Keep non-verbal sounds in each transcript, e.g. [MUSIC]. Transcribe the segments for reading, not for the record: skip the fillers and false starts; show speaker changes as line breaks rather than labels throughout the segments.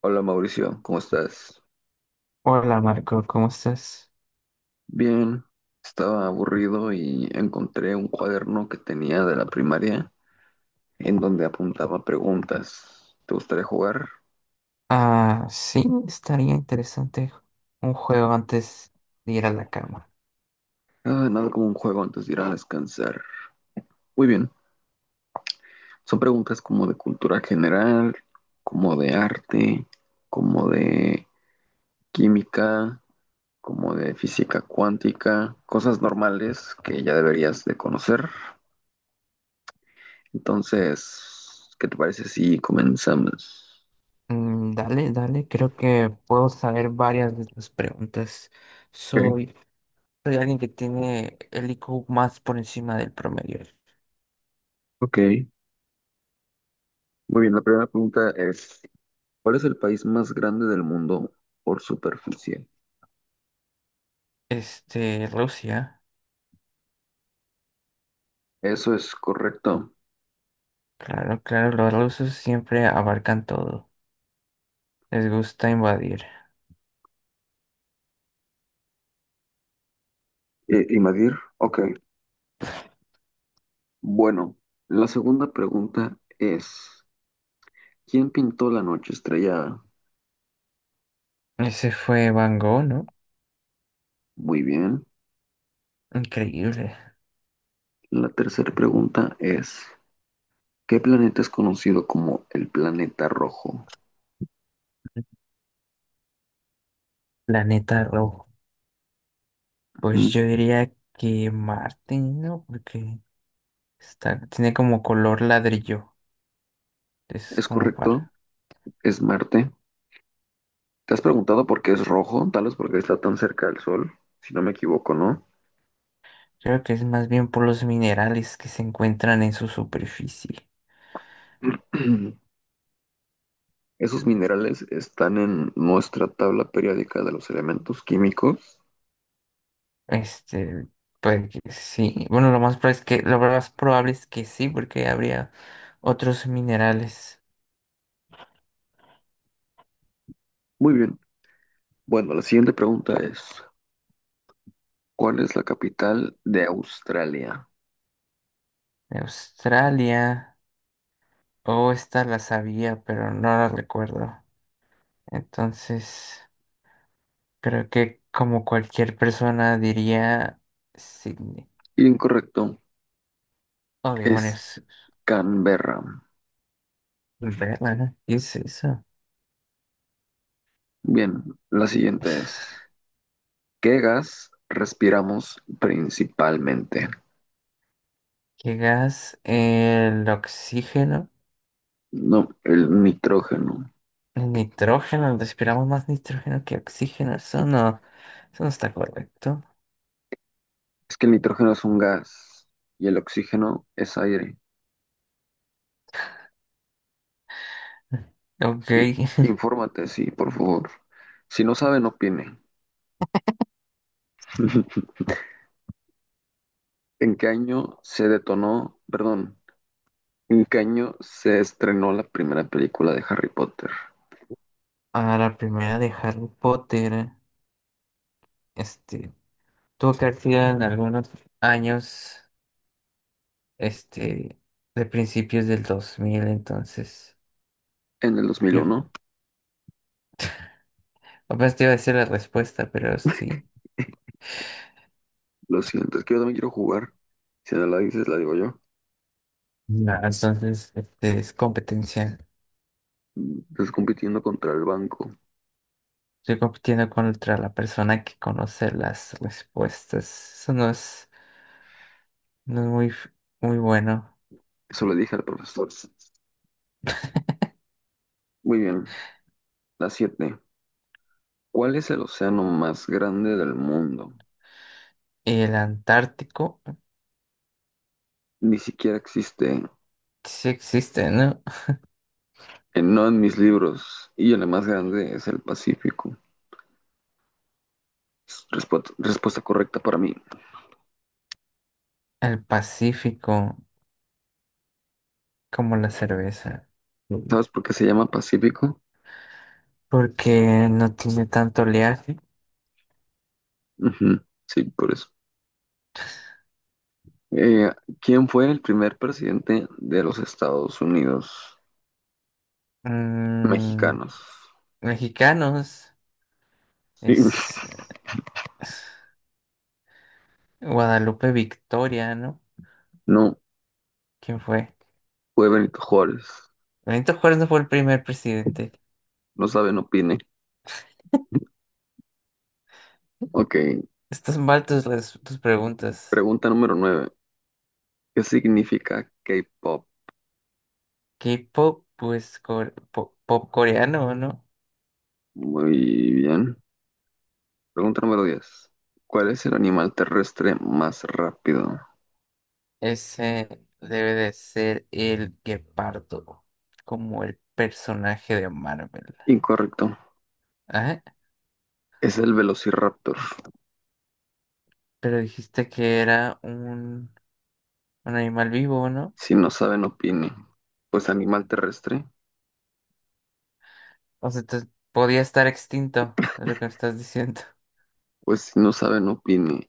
Hola Mauricio, ¿cómo estás?
Hola Marco, ¿cómo estás?
Bien, estaba aburrido y encontré un cuaderno que tenía de la primaria en donde apuntaba preguntas. ¿Te gustaría jugar?
Ah, sí, estaría interesante un juego antes de ir a la cama.
Ah, nada como un juego antes de ir a descansar. Muy bien, son preguntas como de cultura general, como de arte, como de química, como de física cuántica, cosas normales que ya deberías de conocer. Entonces, ¿qué te parece si comenzamos?
Dale, dale, creo que puedo saber varias de tus preguntas.
Ok.
Soy, soy alguien que tiene el IQ más por encima del promedio.
Ok, muy bien. La primera pregunta es, ¿cuál es el país más grande del mundo por superficie?
Rusia,
Eso es correcto.
claro, claro, los rusos siempre abarcan todo. Les gusta invadir.
¿Y Madir? Ok, bueno. La segunda pregunta es, ¿quién pintó la noche estrellada?
Ese fue Van Gogh, ¿no?
Muy bien.
Increíble.
La tercera pregunta es, ¿qué planeta es conocido como el planeta rojo?
Planeta rojo. Pues
Ujú.
yo diría que Marte, ¿no? Porque tiene como color ladrillo. Es
¿Es
como
correcto?
para.
¿Es Marte? ¿Te has preguntado por qué es rojo? Tal vez porque está tan cerca del Sol, si no me equivoco, ¿no?
Creo que es más bien por los minerales que se encuentran en su superficie.
[CLEARS THROAT] Esos minerales están en nuestra tabla periódica de los elementos químicos.
Este, pues que sí. Bueno, lo más probable es que sí, porque habría otros minerales
Muy bien. Bueno, la siguiente pregunta es, ¿cuál es la capital de Australia?
de Australia. O esta la sabía, pero no la recuerdo. Entonces, creo que como cualquier persona diría Sydney.
Incorrecto,
Oh,
es
demonios.
Canberra.
Verga, ¿no? ¿Qué es eso?
Bien, la siguiente es, ¿qué gas respiramos principalmente?
¿Qué gas? El oxígeno.
No, el nitrógeno.
El nitrógeno. Respiramos más nitrógeno que oxígeno. Eso no. Eso no está correcto.
Es que el nitrógeno es un gas y el oxígeno es aire.
Ok.
I-
[LAUGHS]
Infórmate, sí, por favor. Si no sabe, no opine. [LAUGHS] ¿En qué año se detonó, perdón, en qué año se estrenó la primera película de Harry Potter?
A la primera de Harry Potter. Este. Tuvo que haber en algunos años. Este. De principios del 2000. Entonces,
En el dos mil
yo
uno.
apenas te iba a decir la respuesta, pero sí.
Lo siento, es que yo también quiero jugar. Si no la dices, la digo yo.
Ya, entonces, este es competencia.
Estás compitiendo contra el banco.
Estoy compitiendo contra la persona que conoce las respuestas. Eso no es muy bueno.
Eso le dije al profesor. Muy bien. La 7. ¿Cuál es el océano más grande del mundo?
Y el Antártico
Ni siquiera existe.
sí existe, ¿no?
No en mis libros. Y el más grande es el Pacífico. Respuesta correcta para mí.
El Pacífico, como la cerveza.
¿Sabes por qué se llama Pacífico?
Porque no tiene tanto oleaje.
Ujú, sí, por eso. Eh, ¿Quién fue el primer presidente de los Estados Unidos
Mm,
mexicanos?
Mexicanos
Sí,
es
[LAUGHS]
Guadalupe Victoria, ¿no?
no,
¿Quién fue?
fue Benito Juárez.
Benito Juárez no fue el primer presidente.
No sabe, no opine. Ok,
Estas mal tus, tus preguntas.
pregunta número nueve. ¿Qué significa K-pop?
K-pop, pues pop, coreano, ¿no?
Muy bien. Pregunta número 10. ¿Cuál es el animal terrestre más rápido?
Ese debe de ser el guepardo, como el personaje de Marvel.
Incorrecto.
Ajá,
Es el Velociraptor.
pero dijiste que era un animal vivo, ¿no?
Si no saben, opine. Pues animal terrestre.
O sea, entonces podía estar extinto, es lo que me estás diciendo. [LAUGHS]
Pues si no saben, opine.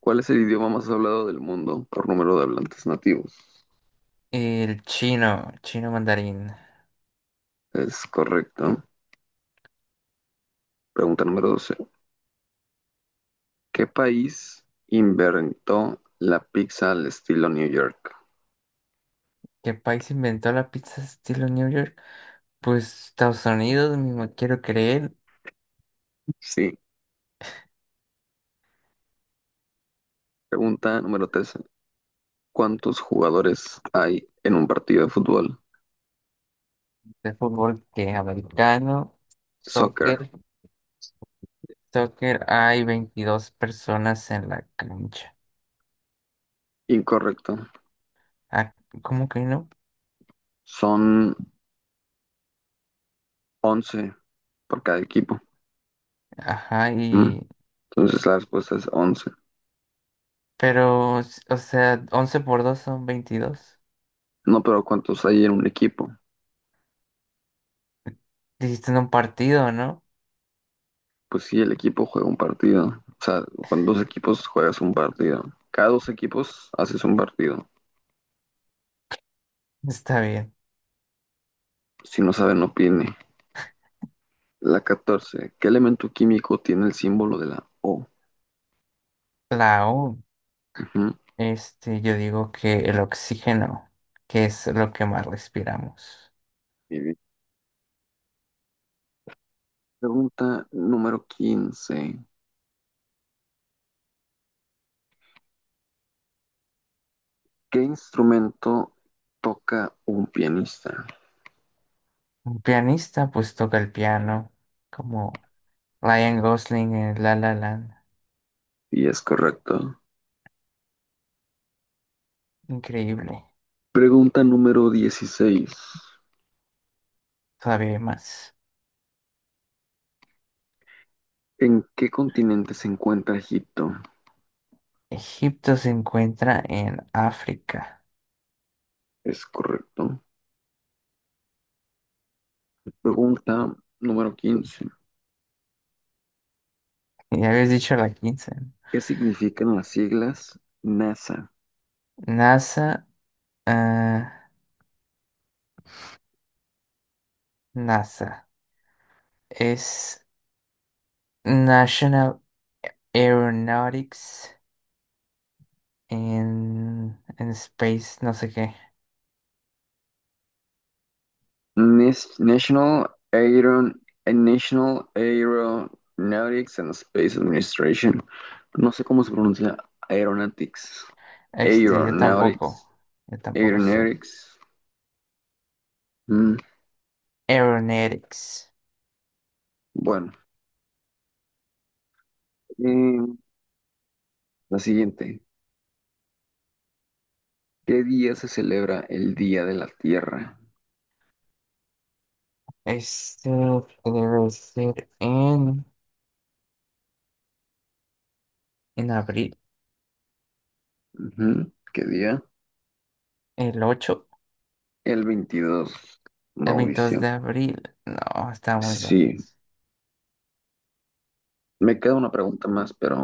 ¿Cuál es el idioma más hablado del mundo por número de hablantes nativos?
El chino, chino mandarín.
Es correcto. Pregunta número 12. ¿Qué país inventó la pizza al estilo New York?
¿Qué país inventó la pizza estilo New York? Pues Estados Unidos, mismo quiero creer.
Sí. Pregunta número 13. ¿Cuántos jugadores hay en un partido de fútbol?
De fútbol que americano,
Soccer.
soccer. Soccer hay 22 personas en la cancha.
Incorrecto.
Ah, ¿cómo que no?
Son once por cada equipo.
Ajá,
¿Mm?
y...
Entonces la respuesta es 11.
Pero, o sea, 11 por 2 son 22.
No, pero ¿cuántos hay en un equipo?
Dijiste en un partido, ¿no?
Pues sí, el equipo juega un partido. O sea, con dos equipos juegas un partido. Cada dos equipos haces un partido.
Está bien.
Si no saben, opine. La 14. ¿Qué elemento químico tiene el símbolo de la O?
La O,
Ujú.
este, yo digo que el oxígeno, que es lo que más respiramos.
Muy bien. Pregunta número quince. ¿Qué instrumento toca un pianista?
Un pianista, pues toca el piano, como Ryan Gosling en La La Land.
Y es correcto.
Increíble.
Pregunta número dieciséis.
Todavía hay más.
¿En qué continente se encuentra Egipto?
Egipto se encuentra en África.
Es correcto. Pregunta número 15.
Ya habías dicho la quince.
¿Qué significan las siglas NASA?
NASA, ah, NASA. Es National Aeronautics en Space, no sé qué.
Nas- National Aeron National Aeronautics and Space Administration. No sé cómo se pronuncia Aeronautics.
Este, yo tampoco.
Aeronautics.
Yo tampoco sé.
Aeronautics. Mm,
Aeronautics.
Bueno, eh, la siguiente. ¿Qué día se celebra el Día de la Tierra?
Este debe ser en abril.
Ujú, ¿qué día?
El 8,
El 22.
el veintidós de
Mauricio.
abril. No, está muy
Sí,
lejos.
me queda una pregunta más, pero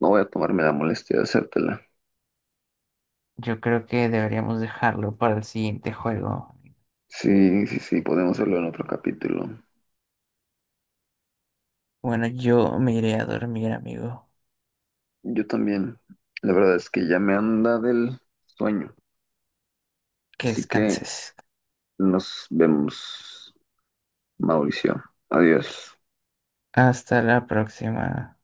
no voy a tomarme la molestia de hacértela.
Yo creo que deberíamos dejarlo para el siguiente juego.
Sí, sí, sí, podemos hacerlo en otro capítulo.
Bueno, yo me iré a dormir, amigo.
Yo también. La verdad es que ya me anda del sueño.
Que
Así que
descanses.
nos vemos, Mauricio. Adiós.
Hasta la próxima.